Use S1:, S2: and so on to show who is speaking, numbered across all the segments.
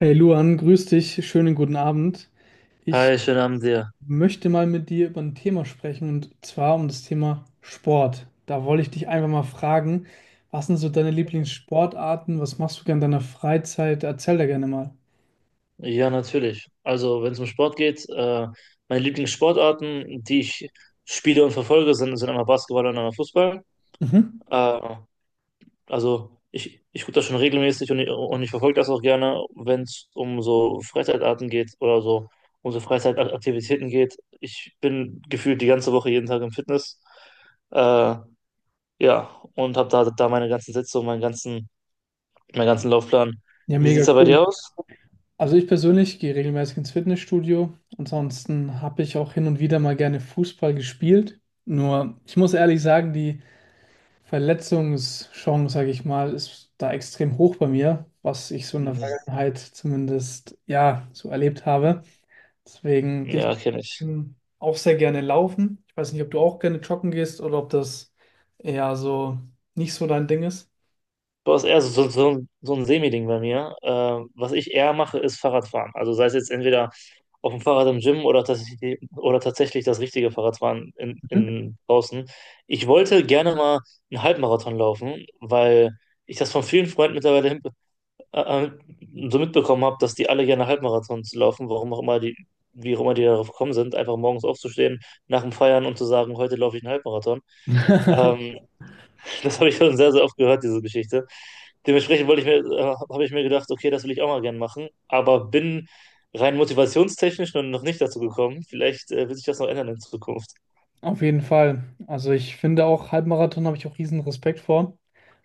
S1: Hey Luan, grüß dich, schönen guten Abend. Ich
S2: Hi, schönen Abend dir.
S1: möchte mal mit dir über ein Thema sprechen und zwar um das Thema Sport. Da wollte ich dich einfach mal fragen, was sind so deine Lieblingssportarten? Was machst du gerne in deiner Freizeit? Erzähl da gerne mal.
S2: Ja, natürlich. Also, wenn es um Sport geht, meine Lieblingssportarten, die ich spiele und verfolge, sind einmal Basketball und einmal Fußball.
S1: Mhm.
S2: Äh, also, ich gucke das schon regelmäßig und ich verfolge das auch gerne. Wenn es um so Freizeitarten geht oder so, um so Freizeitaktivitäten geht. Ich bin gefühlt die ganze Woche jeden Tag im Fitness. Äh, ja, und habe da meine ganzen Sätze und meinen ganzen Laufplan.
S1: Ja,
S2: Wie sieht's
S1: mega
S2: da bei
S1: cool.
S2: dir aus?
S1: Also ich persönlich gehe regelmäßig ins Fitnessstudio. Ansonsten habe ich auch hin und wieder mal gerne Fußball gespielt. Nur, ich muss ehrlich sagen, die Verletzungschance, sage ich mal, ist da extrem hoch bei mir, was ich so in der Vergangenheit zumindest ja so erlebt habe. Deswegen gehe ich
S2: Ja, kenne ich.
S1: auch sehr gerne laufen. Ich weiß nicht, ob du auch gerne joggen gehst oder ob das eher so nicht so dein Ding ist.
S2: Boah, ist eher so, so ein Semi-Ding bei mir. Was ich eher mache, ist Fahrradfahren. Also sei es jetzt entweder auf dem Fahrrad im Gym oder tatsächlich das richtige Fahrradfahren
S1: Mhm.
S2: in draußen. Ich wollte gerne mal einen Halbmarathon laufen, weil ich das von vielen Freunden mittlerweile äh, äh, so mitbekommen habe, dass die alle gerne Halbmarathons laufen, warum auch immer die, wie auch immer die darauf gekommen sind, einfach morgens aufzustehen nach dem Feiern und zu sagen, heute laufe ich einen Halbmarathon. Ähm, Das habe ich schon sehr, sehr oft gehört, diese Geschichte. Dementsprechend habe ich mir gedacht, okay, das will ich auch mal gern machen, aber bin rein motivationstechnisch noch nicht dazu gekommen. Vielleicht wird sich das noch ändern in Zukunft.
S1: Auf jeden Fall. Also ich finde auch Halbmarathon, habe ich auch riesen Respekt vor.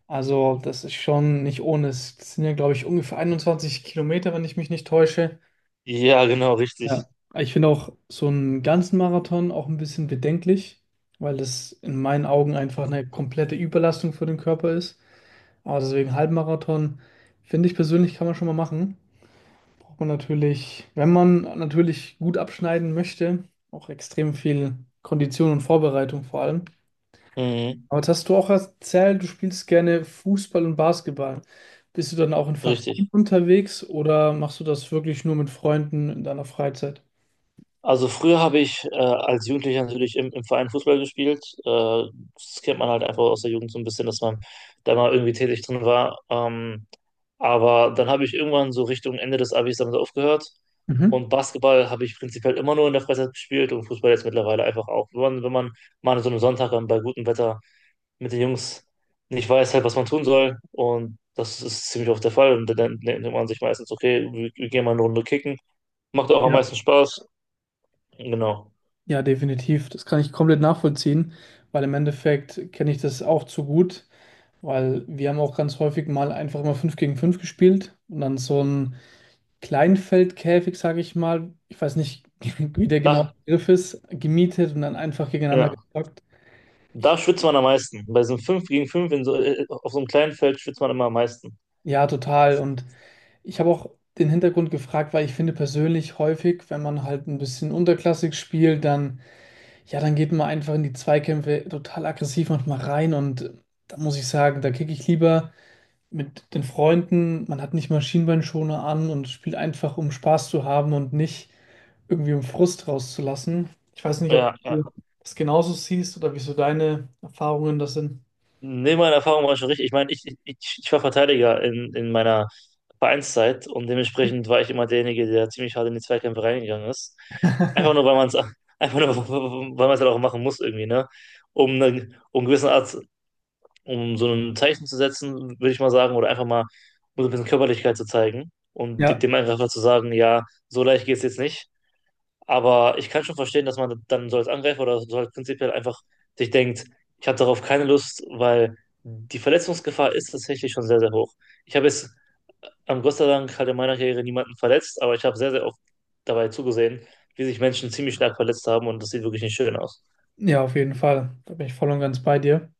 S1: Also das ist schon nicht ohne. Es sind ja, glaube ich, ungefähr 21 Kilometer, wenn ich mich nicht täusche.
S2: Ja, genau, richtig.
S1: Ja, ich finde auch so einen ganzen Marathon auch ein bisschen bedenklich, weil das in meinen Augen einfach eine komplette Überlastung für den Körper ist. Aber deswegen Halbmarathon, finde ich persönlich, kann man schon mal machen. Braucht man natürlich, wenn man natürlich gut abschneiden möchte, auch extrem viel Kondition und Vorbereitung vor allem.
S2: Mhm,
S1: Aber jetzt hast du auch erzählt, du spielst gerne Fußball und Basketball. Bist du dann auch in Vereinen
S2: richtig.
S1: unterwegs oder machst du das wirklich nur mit Freunden in deiner Freizeit?
S2: Also früher habe ich als Jugendlicher natürlich im Verein Fußball gespielt. Das kennt man halt einfach aus der Jugend so ein bisschen, dass man da mal irgendwie tätig drin war. Aber dann habe ich irgendwann so Richtung Ende des Abis damit aufgehört.
S1: Mhm.
S2: Und Basketball habe ich prinzipiell immer nur in der Freizeit gespielt und Fußball jetzt mittlerweile einfach auch. Wenn man mal an so einem Sonntag dann bei gutem Wetter mit den Jungs nicht weiß, halt, was man tun soll. Und das ist ziemlich oft der Fall. Und dann denkt man sich meistens, okay, wir gehen mal eine Runde kicken. Macht auch am
S1: Ja.
S2: meisten Spaß. Genau.
S1: Ja, definitiv. Das kann ich komplett nachvollziehen, weil im Endeffekt kenne ich das auch zu gut, weil wir haben auch ganz häufig mal einfach immer 5 gegen 5 gespielt und dann so ein Kleinfeldkäfig, sage ich mal, ich weiß nicht, wie der genaue
S2: Da,
S1: Begriff ist, gemietet und dann einfach gegeneinander
S2: ja,
S1: gezockt. Ich,
S2: da schwitzt man am meisten. Bei so einem 5 gegen 5 in so, auf so einem kleinen Feld schwitzt man immer am meisten.
S1: ja, total. Und ich habe auch den Hintergrund gefragt, weil ich finde persönlich häufig, wenn man halt ein bisschen unterklassig spielt, dann, ja, dann geht man einfach in die Zweikämpfe total aggressiv manchmal rein und da muss ich sagen, da kicke ich lieber mit den Freunden. Man hat nicht Maschinenbeinschoner an und spielt einfach, um Spaß zu haben und nicht irgendwie um Frust rauszulassen. Ich weiß nicht, ob
S2: Ja, ja.
S1: du das genauso siehst oder wieso deine Erfahrungen das sind.
S2: Nee, meine Erfahrung war schon richtig. Ich meine, ich war Verteidiger in meiner Vereinszeit und dementsprechend war ich immer derjenige, der ziemlich hart in die Zweikämpfe reingegangen ist. Einfach nur, weil man es einfach nur, weil man es halt auch machen muss irgendwie, ne? Um eine gewisse Art, um so ein Zeichen zu setzen, würde ich mal sagen, oder einfach mal um so ein bisschen Körperlichkeit zu zeigen und
S1: Ja,
S2: dem Angreifer zu sagen, ja, so leicht geht es jetzt nicht. Aber ich kann schon verstehen, dass man dann so als Angreifer oder so halt prinzipiell einfach sich denkt, ich habe darauf keine Lust, weil die Verletzungsgefahr ist tatsächlich schon sehr, sehr hoch. Ich habe jetzt, Gott sei Dank, halt in meiner Karriere niemanden verletzt, aber ich habe sehr, sehr oft dabei zugesehen, wie sich Menschen ziemlich stark verletzt haben und das sieht wirklich nicht schön aus.
S1: ja, auf jeden Fall. Da bin ich voll und ganz bei dir.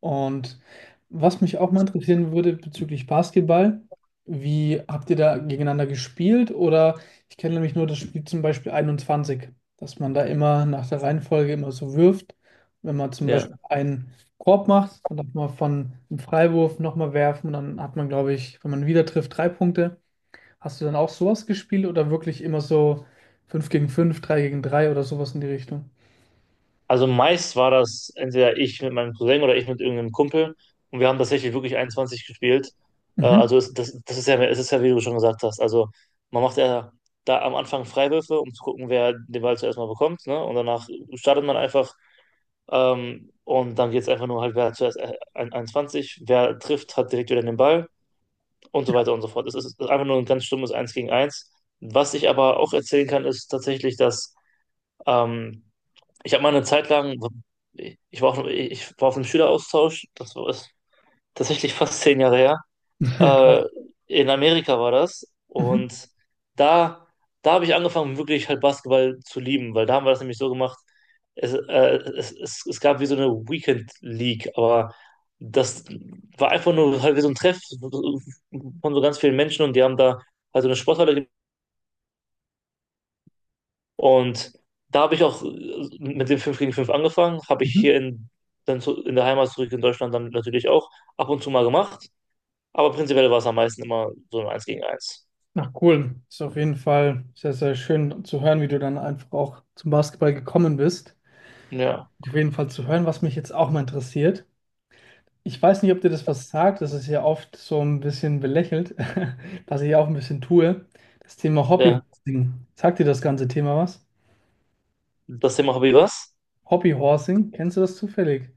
S1: Und was mich auch mal interessieren würde bezüglich Basketball, wie habt ihr da gegeneinander gespielt? Oder ich kenne nämlich nur das Spiel zum Beispiel 21, dass man da immer nach der Reihenfolge immer so wirft. Wenn man zum Beispiel
S2: Ja.
S1: einen Korb macht, dann darf man von einem Freiwurf nochmal werfen und dann hat man, glaube ich, wenn man wieder trifft, drei Punkte. Hast du dann auch sowas gespielt oder wirklich immer so 5 gegen 5, 3 gegen 3 oder sowas in die Richtung?
S2: Also meist war das entweder ich mit meinem Cousin oder ich mit irgendeinem Kumpel. Und wir haben tatsächlich wirklich 21 gespielt.
S1: Mhm.
S2: Das ist ja, es ist ja, wie du schon gesagt hast. Also man macht ja da am Anfang Freiwürfe, um zu gucken, wer den Ball zuerst mal bekommt. Ne? Und danach startet man einfach. Und dann geht es einfach nur halt, wer hat zuerst 21, wer trifft, hat direkt wieder den Ball und so weiter und so fort. Es ist einfach nur ein ganz stummes Eins gegen eins. Was ich aber auch erzählen kann, ist tatsächlich, dass ähm, ich habe mal eine Zeit lang, so, ich war auf einem Schüleraustausch, das war ist tatsächlich fast 10 Jahre her.
S1: Krass.
S2: Äh, in Amerika war das.
S1: Mhm.
S2: Und da, da habe ich angefangen, wirklich halt Basketball zu lieben, weil da haben wir das nämlich so gemacht. Es, äh, es gab wie so eine Weekend League, aber das war einfach nur halt wie so ein Treff von so ganz vielen Menschen und die haben da halt so eine Sporthalle. Und da habe ich auch mit dem 5 gegen 5 angefangen, habe ich hier in, dann zu, in der Heimat zurück in Deutschland dann natürlich auch ab und zu mal gemacht, aber prinzipiell war es am meisten immer so ein eins gegen eins.
S1: Na cool, ist auf jeden Fall sehr, sehr schön zu hören, wie du dann einfach auch zum Basketball gekommen bist.
S2: Ja,
S1: Auf jeden Fall zu hören, was mich jetzt auch mal interessiert. Ich weiß nicht, ob dir das was sagt, das ist ja oft so ein bisschen belächelt, was ich auch ein bisschen tue. Das Thema
S2: ja.
S1: Hobbyhorsing. Sagt dir das ganze Thema was?
S2: Das Thema Hobby was?
S1: Hobbyhorsing, kennst du das zufällig?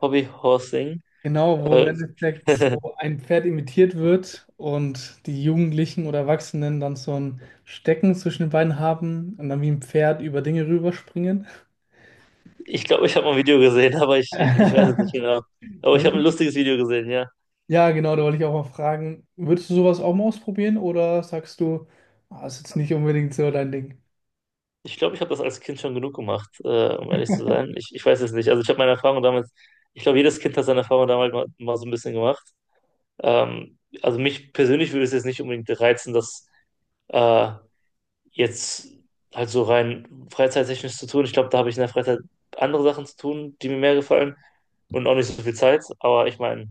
S2: Hobby Horsing.
S1: Genau, wo im
S2: Äh,
S1: Endeffekt so ein Pferd imitiert wird und die Jugendlichen oder Erwachsenen dann so ein Stecken zwischen den Beinen haben und dann wie ein Pferd über Dinge rüberspringen.
S2: ich glaube, ich habe mal ein Video gesehen, aber ich weiß es nicht genau. Aber ich habe ein lustiges Video gesehen, ja.
S1: Ja, genau, da wollte ich auch mal fragen, würdest du sowas auch mal ausprobieren oder sagst du, ah, ist jetzt nicht unbedingt so dein Ding?
S2: Ich glaube, ich habe das als Kind schon genug gemacht, um ehrlich zu sein. Ich weiß es nicht. Also ich habe meine Erfahrung damals, ich glaube, jedes Kind hat seine Erfahrung damals mal, mal so ein bisschen gemacht. Also mich persönlich würde es jetzt nicht unbedingt reizen, das äh, jetzt halt so rein freizeittechnisch zu tun. Ich glaube, da habe ich in der Freizeit andere Sachen zu tun, die mir mehr gefallen und auch nicht so viel Zeit. Aber ich meine,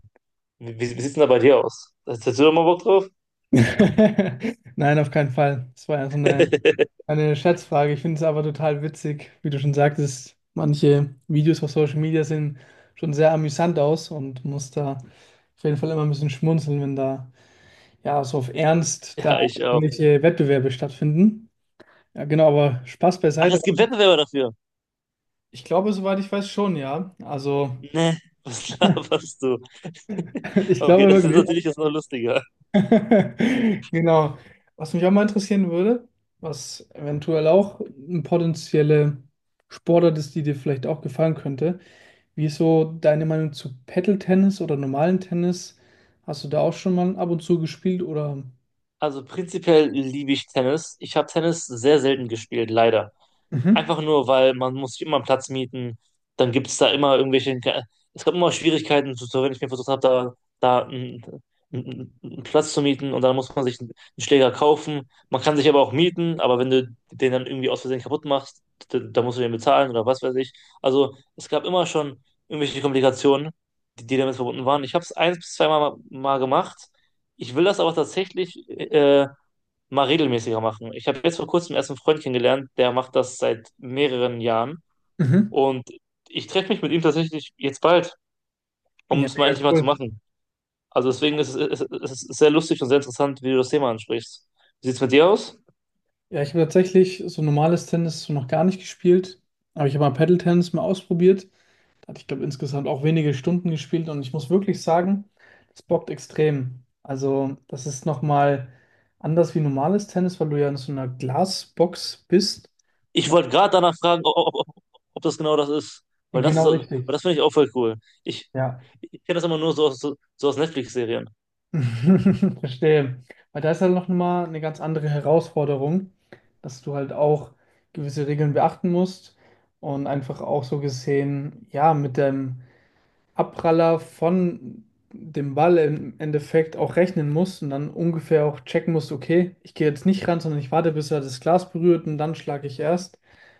S2: wie sieht es denn da bei dir aus? Hast du da mal Bock drauf?
S1: Nein, auf keinen Fall. Das war ja so eine Scherzfrage. Ich finde es aber total witzig, wie du schon sagtest, manche Videos auf Social Media sehen schon sehr amüsant aus und muss da auf jeden Fall immer ein bisschen schmunzeln, wenn da ja so auf Ernst da
S2: Ja, ich auch.
S1: irgendwelche Wettbewerbe stattfinden. Ja, genau, aber Spaß
S2: Ach,
S1: beiseite.
S2: es gibt Wettbewerber dafür.
S1: Ich glaube, soweit ich weiß, schon, ja. Also.
S2: Ne, was laberst du?
S1: Ich
S2: Okay,
S1: glaube
S2: das ist
S1: wirklich.
S2: natürlich jetzt noch lustiger.
S1: Genau. Was mich auch mal interessieren würde, was eventuell auch eine potenzielle Sportart ist, die dir vielleicht auch gefallen könnte. Wie ist so deine Meinung zu Paddle-Tennis oder normalen Tennis? Hast du da auch schon mal ab und zu gespielt oder?
S2: Also prinzipiell liebe ich Tennis. Ich habe Tennis sehr selten gespielt, leider.
S1: Mhm.
S2: Einfach nur, weil man muss sich immer einen Platz mieten. Dann gibt es da immer irgendwelche. Es gab immer Schwierigkeiten, so so wenn ich mir versucht habe, da, da einen, einen einen Platz zu mieten und dann muss man sich einen Schläger kaufen. Man kann sich aber auch mieten, aber wenn du den dann irgendwie aus Versehen kaputt machst, da musst du den bezahlen oder was weiß ich. Also es gab immer schon irgendwelche Komplikationen, die damit verbunden waren. Ich habe es eins bis zweimal mal gemacht. Ich will das aber tatsächlich mal regelmäßiger machen. Ich habe jetzt vor kurzem erst einen Freund kennengelernt, der macht das seit mehreren Jahren.
S1: Mhm.
S2: Und ich treffe mich mit ihm tatsächlich jetzt bald, um
S1: Ja,
S2: es mal
S1: mega
S2: endlich mal zu
S1: cool.
S2: machen. Also deswegen ist es sehr lustig und sehr interessant, wie du das Thema ansprichst. Wie sieht es mit dir aus?
S1: Ja, ich habe tatsächlich so normales Tennis so noch gar nicht gespielt, aber ich habe mal Paddle-Tennis mal ausprobiert. Da hatte ich, glaube, insgesamt auch wenige Stunden gespielt und ich muss wirklich sagen, das bockt extrem. Also, das ist nochmal anders wie normales Tennis, weil du ja in so einer Glasbox bist.
S2: Ich
S1: Na,
S2: wollte gerade danach fragen, ob das genau das ist. Weil das ist,
S1: genau
S2: weil
S1: richtig.
S2: das finde ich auch voll cool. Ich,
S1: Ja.
S2: ich kenne das immer nur so aus, so aus Netflix-Serien.
S1: Verstehe. Weil da ist halt noch mal eine ganz andere Herausforderung, dass du halt auch gewisse Regeln beachten musst und einfach auch so gesehen, ja, mit dem Abpraller von dem Ball im Endeffekt auch rechnen muss und dann ungefähr auch checken muss. Okay, ich gehe jetzt nicht ran, sondern ich warte, bis er das Glas berührt und dann schlage ich erst.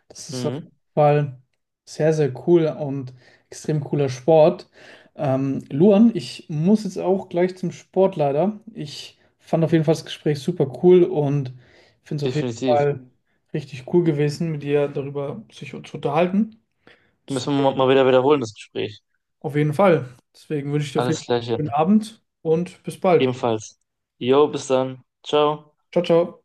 S1: Das ist auf jeden
S2: Mhm,
S1: Fall sehr, sehr cool und extrem cooler Sport. Luan, ich muss jetzt auch gleich zum Sport leider. Ich fand auf jeden Fall das Gespräch super cool und finde es auf jeden
S2: definitiv.
S1: Fall richtig cool gewesen, mit dir darüber sich zu unterhalten.
S2: Müssen wir mal wieder wiederholen, das Gespräch.
S1: Auf jeden Fall. Deswegen wünsche ich dir auf
S2: Alles
S1: jeden Fall einen
S2: Gleiche.
S1: schönen Abend und bis bald.
S2: Ebenfalls. Jo, bis dann. Ciao.
S1: Ciao, ciao.